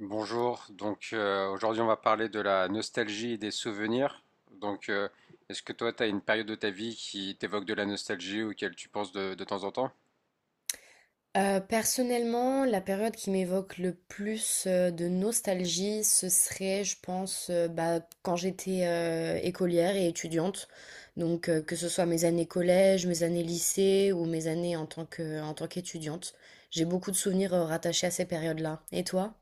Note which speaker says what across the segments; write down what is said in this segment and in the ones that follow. Speaker 1: Bonjour, donc aujourd'hui on va parler de la nostalgie et des souvenirs. Donc, est-ce que toi tu as une période de ta vie qui t'évoque de la nostalgie auquel tu penses de temps en temps?
Speaker 2: Personnellement, la période qui m'évoque le plus, de nostalgie, ce serait, je pense, quand j'étais, écolière et étudiante. Donc, que ce soit mes années collège, mes années lycée ou mes années en tant qu'étudiante. J'ai beaucoup de souvenirs, rattachés à ces périodes-là. Et toi?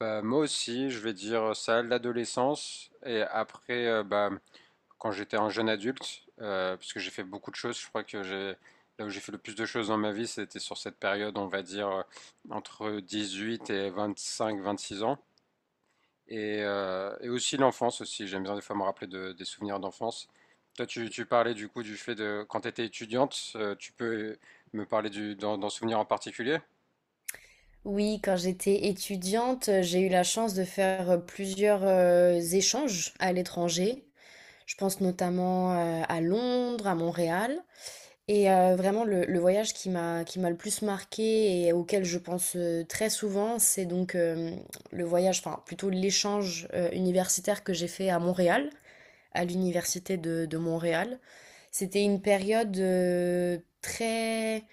Speaker 1: Bah, moi aussi, je vais dire ça, l'adolescence et après bah, quand j'étais un jeune adulte, parce que j'ai fait beaucoup de choses, je crois que j'ai là où j'ai fait le plus de choses dans ma vie, c'était sur cette période, on va dire entre 18 et 25-26 ans. Et aussi l'enfance aussi. J'aime bien des fois me rappeler des souvenirs d'enfance. Toi, tu parlais du coup du fait de quand tu étais étudiante, tu peux me parler d'un souvenir en particulier?
Speaker 2: Oui, quand j'étais étudiante, j'ai eu la chance de faire, plusieurs, échanges à l'étranger. Je pense notamment, à Londres, à Montréal. Et vraiment le voyage qui m'a le plus marqué et auquel je pense, très souvent, c'est donc, le voyage, enfin plutôt l'échange, universitaire que j'ai fait à Montréal, à l'université de Montréal. C'était une période, très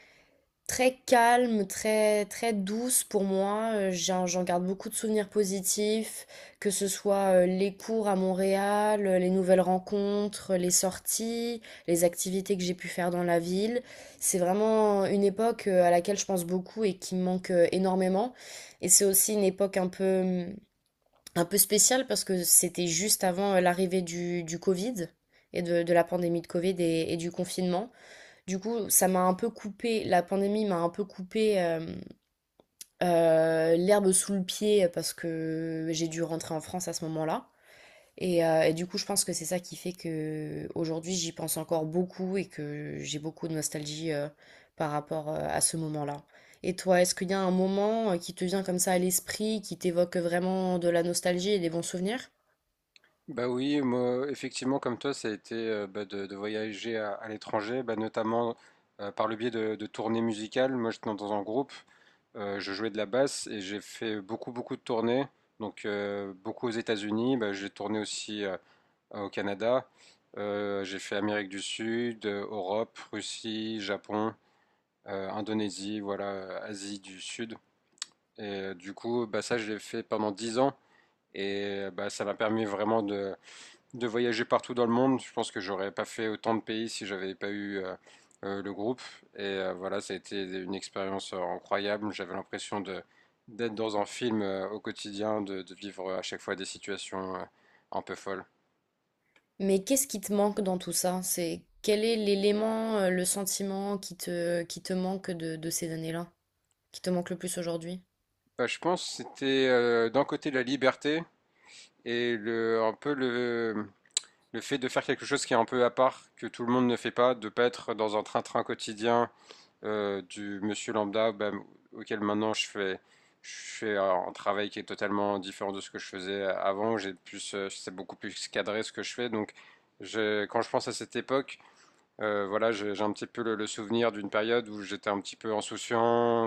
Speaker 2: très calme, très, très douce pour moi. J'en garde beaucoup de souvenirs positifs, que ce soit les cours à Montréal, les nouvelles rencontres, les sorties, les activités que j'ai pu faire dans la ville. C'est vraiment une époque à laquelle je pense beaucoup et qui me manque énormément. Et c'est aussi une époque un peu spéciale parce que c'était juste avant l'arrivée du Covid et de la pandémie de Covid et du confinement. Du coup, ça m'a un peu coupé, la pandémie m'a un peu coupé l'herbe sous le pied parce que j'ai dû rentrer en France à ce moment-là. Et du coup, je pense que c'est ça qui fait que aujourd'hui, j'y pense encore beaucoup et que j'ai beaucoup de nostalgie par rapport à ce moment-là. Et toi, est-ce qu'il y a un moment qui te vient comme ça à l'esprit, qui t'évoque vraiment de la nostalgie et des bons souvenirs?
Speaker 1: Bah oui, moi, effectivement, comme toi, ça a été bah, de voyager à l'étranger, bah, notamment par le biais de tournées musicales. Moi, j'étais dans un groupe, je jouais de la basse et j'ai fait beaucoup, beaucoup de tournées. Donc, beaucoup aux États-Unis. Bah, j'ai tourné aussi au Canada. J'ai fait Amérique du Sud, Europe, Russie, Japon, Indonésie, voilà, Asie du Sud. Et du coup, bah, ça, je l'ai fait pendant 10 ans. Et bah, ça m'a permis vraiment de voyager partout dans le monde. Je pense que j'aurais pas fait autant de pays si j'avais pas eu le groupe. Et voilà, ça a été une expérience incroyable. J'avais l'impression de d'être dans un film au quotidien, de vivre à chaque fois des situations un peu folles.
Speaker 2: Mais qu'est-ce qui te manque dans tout ça? C'est quel est l'élément, le sentiment qui te manque de ces années-là, qui te manque le plus aujourd'hui?
Speaker 1: Bah, je pense que c'était d'un côté la liberté et un peu le fait de faire quelque chose qui est un peu à part, que tout le monde ne fait pas, de pas être dans un train-train quotidien du monsieur lambda bah, auquel maintenant je fais un travail qui est totalement différent de ce que je faisais avant. J'ai plus, c'est beaucoup plus cadré ce que je fais. Donc quand je pense à cette époque, voilà, j'ai un petit peu le souvenir d'une période où j'étais un petit peu insouciant,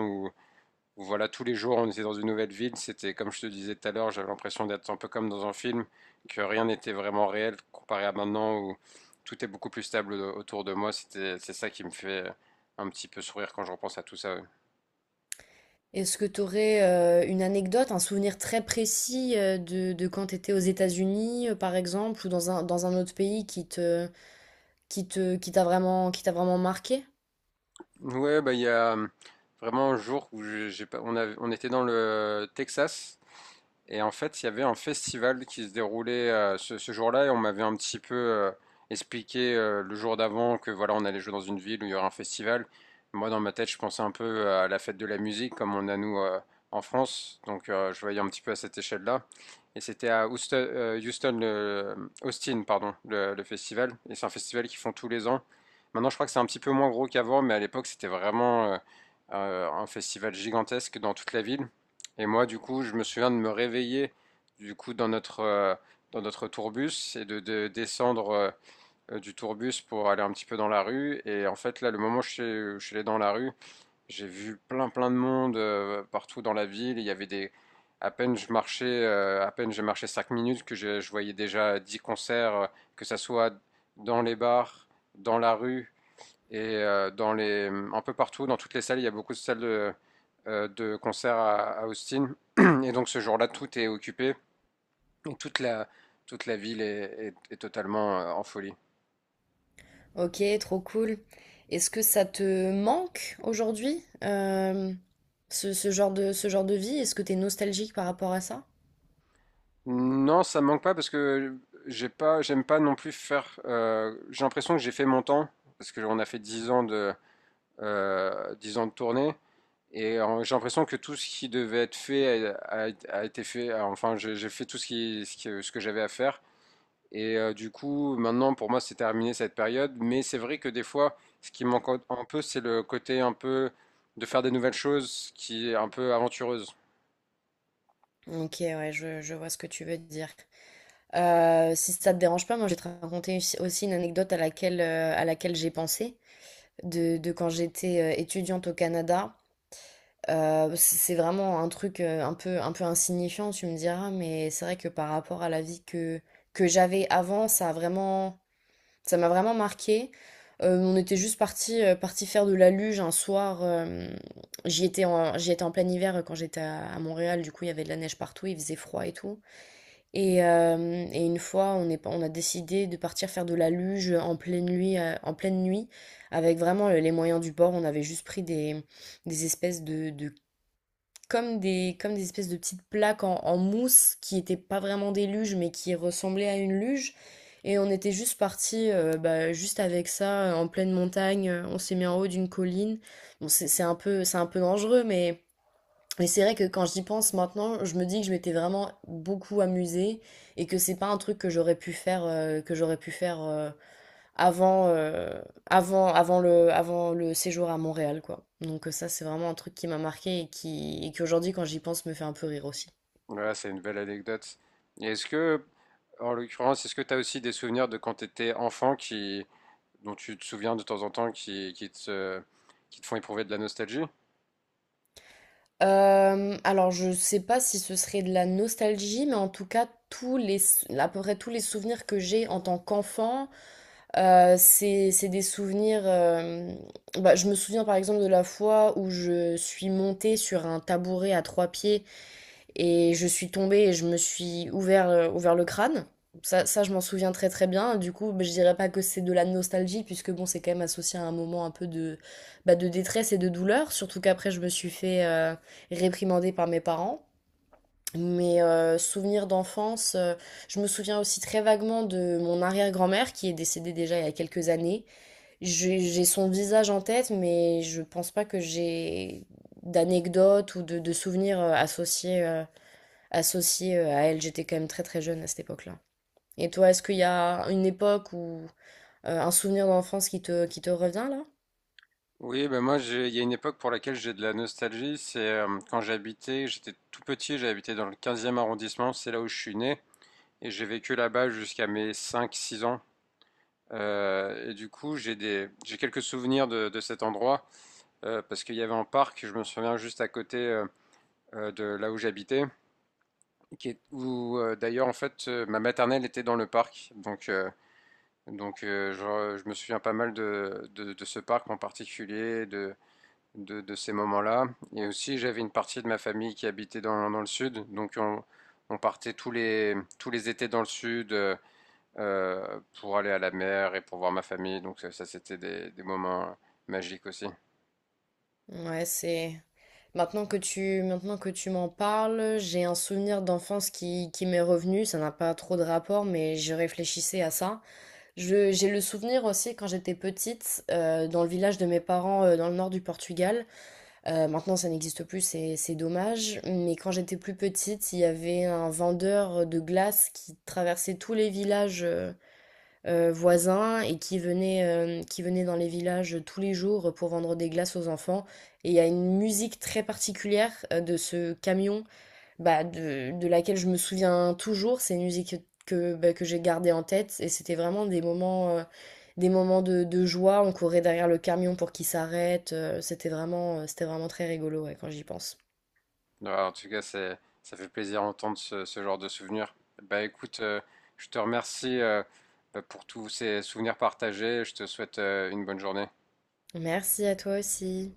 Speaker 1: voilà, tous les jours, on était dans une nouvelle ville. C'était, comme je te disais tout à l'heure, j'avais l'impression d'être un peu comme dans un film, que rien n'était vraiment réel comparé à maintenant où tout est beaucoup plus stable autour de moi. C'était, c'est ça qui me fait un petit peu sourire quand je repense à tout ça. Ouais,
Speaker 2: Est-ce que tu aurais une anecdote, un souvenir très précis de quand tu étais aux États-Unis, par exemple, ou dans un autre pays qui t'a vraiment marqué?
Speaker 1: ouais, bah, il y a vraiment un jour où j'ai pas- on, a on était dans le Texas. Et en fait, il y avait un festival qui se déroulait ce jour-là et on m'avait un petit peu expliqué le jour d'avant que voilà, on allait jouer dans une ville où il y aurait un festival. Moi, dans ma tête, je pensais un peu à la fête de la musique comme on a nous en France. Donc, je voyais un petit peu à cette échelle-là. Et c'était à Austin, pardon, le festival. Et c'est un festival qu'ils font tous les ans. Maintenant, je crois que c'est un petit peu moins gros qu'avant, mais à l'époque, c'était vraiment un festival gigantesque dans toute la ville. Et moi, du coup, je me souviens de me réveiller, du coup, dans dans notre tourbus et de descendre du tourbus pour aller un petit peu dans la rue. Et en fait, là, le moment où je suis allé dans la rue, j'ai vu plein, plein de monde partout dans la ville. Il y avait des. À peine je marchais, à peine j'ai marché 5 minutes, que je voyais déjà 10 concerts, que ça soit dans les bars, dans la rue, et dans les, un peu partout, dans toutes les salles, il y a beaucoup de salles de concert à Austin. Et donc ce jour-là, tout est occupé. Et toute la ville est totalement en folie.
Speaker 2: Ok, trop cool. Est-ce que ça te manque aujourd'hui, ce genre de vie? Est-ce que tu es nostalgique par rapport à ça?
Speaker 1: Non, ça me manque pas parce que j'aime pas non plus faire. J'ai l'impression que j'ai fait mon temps parce qu'on a fait 10 ans de tournée et j'ai l'impression que tout ce qui devait être fait a été fait. Enfin, j'ai fait tout ce que ce que j'avais à faire. Et du coup, maintenant, pour moi, c'est terminé cette période. Mais c'est vrai que des fois, ce qui manque un peu, c'est le côté un peu de faire des nouvelles choses qui est un peu aventureuse.
Speaker 2: Ok, ouais, je vois ce que tu veux dire. Si ça te dérange pas, moi je vais te raconter aussi une anecdote à laquelle j'ai pensé, de quand j'étais étudiante au Canada. C'est vraiment un truc un peu insignifiant, tu me diras, mais c'est vrai que par rapport à la vie que j'avais avant, ça a vraiment, ça m'a vraiment marqué. On était juste parti faire de la luge un soir. J'y étais en plein hiver quand j'étais à Montréal, du coup il y avait de la neige partout, il faisait froid et tout. Et une fois, on a décidé de partir faire de la luge en pleine nuit, avec vraiment les moyens du bord. On avait juste pris des espèces de- comme des espèces de petites plaques en mousse qui n'étaient pas vraiment des luges, mais qui ressemblaient à une luge. Et on était juste parti, juste avec ça, en pleine montagne. On s'est mis en haut d'une colline. Bon, c'est un peu dangereux, mais et c'est vrai que quand j'y pense maintenant, je me dis que je m'étais vraiment beaucoup amusée et que c'est pas un truc que j'aurais pu faire que j'aurais pu faire avant avant avant le séjour à Montréal quoi. Donc ça c'est vraiment un truc qui m'a marqué et qui aujourd'hui quand j'y pense me fait un peu rire aussi.
Speaker 1: Voilà, c'est une belle anecdote. Et est-ce que, en l'occurrence, est-ce que tu as aussi des souvenirs de quand tu étais enfant dont tu te souviens de temps en temps qui te font éprouver de la nostalgie?
Speaker 2: Alors je sais pas si ce serait de la nostalgie, mais en tout cas tous les à peu près tous les souvenirs que j'ai en tant qu'enfant. C'est des souvenirs. Je me souviens par exemple de la fois où je suis montée sur un tabouret à trois pieds et je suis tombée et je me suis ouvert le crâne. Je m'en souviens très très bien. Du coup, bah, je dirais pas que c'est de la nostalgie puisque bon, c'est quand même associé à un moment un peu de détresse et de douleur. Surtout qu'après, je me suis fait réprimander par mes parents. Mes souvenirs d'enfance, je me souviens aussi très vaguement de mon arrière-grand-mère qui est décédée déjà il y a quelques années. J'ai son visage en tête, mais je pense pas que j'ai d'anecdotes ou de souvenirs associés à elle. J'étais quand même très très jeune à cette époque-là. Et toi, est-ce qu'il y a une époque ou un souvenir d'enfance qui te revient là?
Speaker 1: Oui, ben moi, il y a une époque pour laquelle j'ai de la nostalgie. C'est quand j'habitais, j'étais tout petit, j'habitais dans le 15e arrondissement, c'est là où je suis né. Et j'ai vécu là-bas jusqu'à mes 5 ou 6 ans. Et du coup, j'ai quelques souvenirs de cet endroit parce qu'il y avait un parc, je me souviens juste à côté de là où j'habitais, qui est où d'ailleurs en fait ma maternelle était dans le parc. Donc je me souviens pas mal de ce parc en particulier, de ces moments-là. Et aussi, j'avais une partie de ma famille qui habitait dans le sud, donc on partait tous les étés dans le sud pour aller à la mer et pour voir ma famille. Donc ça, c'était des moments magiques aussi.
Speaker 2: Ouais, c'est... maintenant que tu m'en parles, j'ai un souvenir d'enfance qui m'est revenu. Ça n'a pas trop de rapport, mais je réfléchissais à ça. J'ai le souvenir aussi quand j'étais petite, dans le village de mes parents, dans le nord du Portugal. Maintenant, ça n'existe plus, c'est dommage. Mais quand j'étais plus petite, il y avait un vendeur de glace qui traversait tous les villages voisins et qui venait dans les villages tous les jours pour vendre des glaces aux enfants. Et il y a une musique très particulière de ce camion de laquelle je me souviens toujours. C'est une musique que j'ai gardée en tête et c'était vraiment des moments de joie. On courait derrière le camion pour qu'il s'arrête. C'était vraiment, c'était vraiment très rigolo, ouais, quand j'y pense.
Speaker 1: Alors, en tout cas, c'est, ça fait plaisir d'entendre ce genre de souvenirs. Bah écoute, je te remercie bah, pour tous ces souvenirs partagés. Je te souhaite une bonne journée.
Speaker 2: Merci à toi aussi.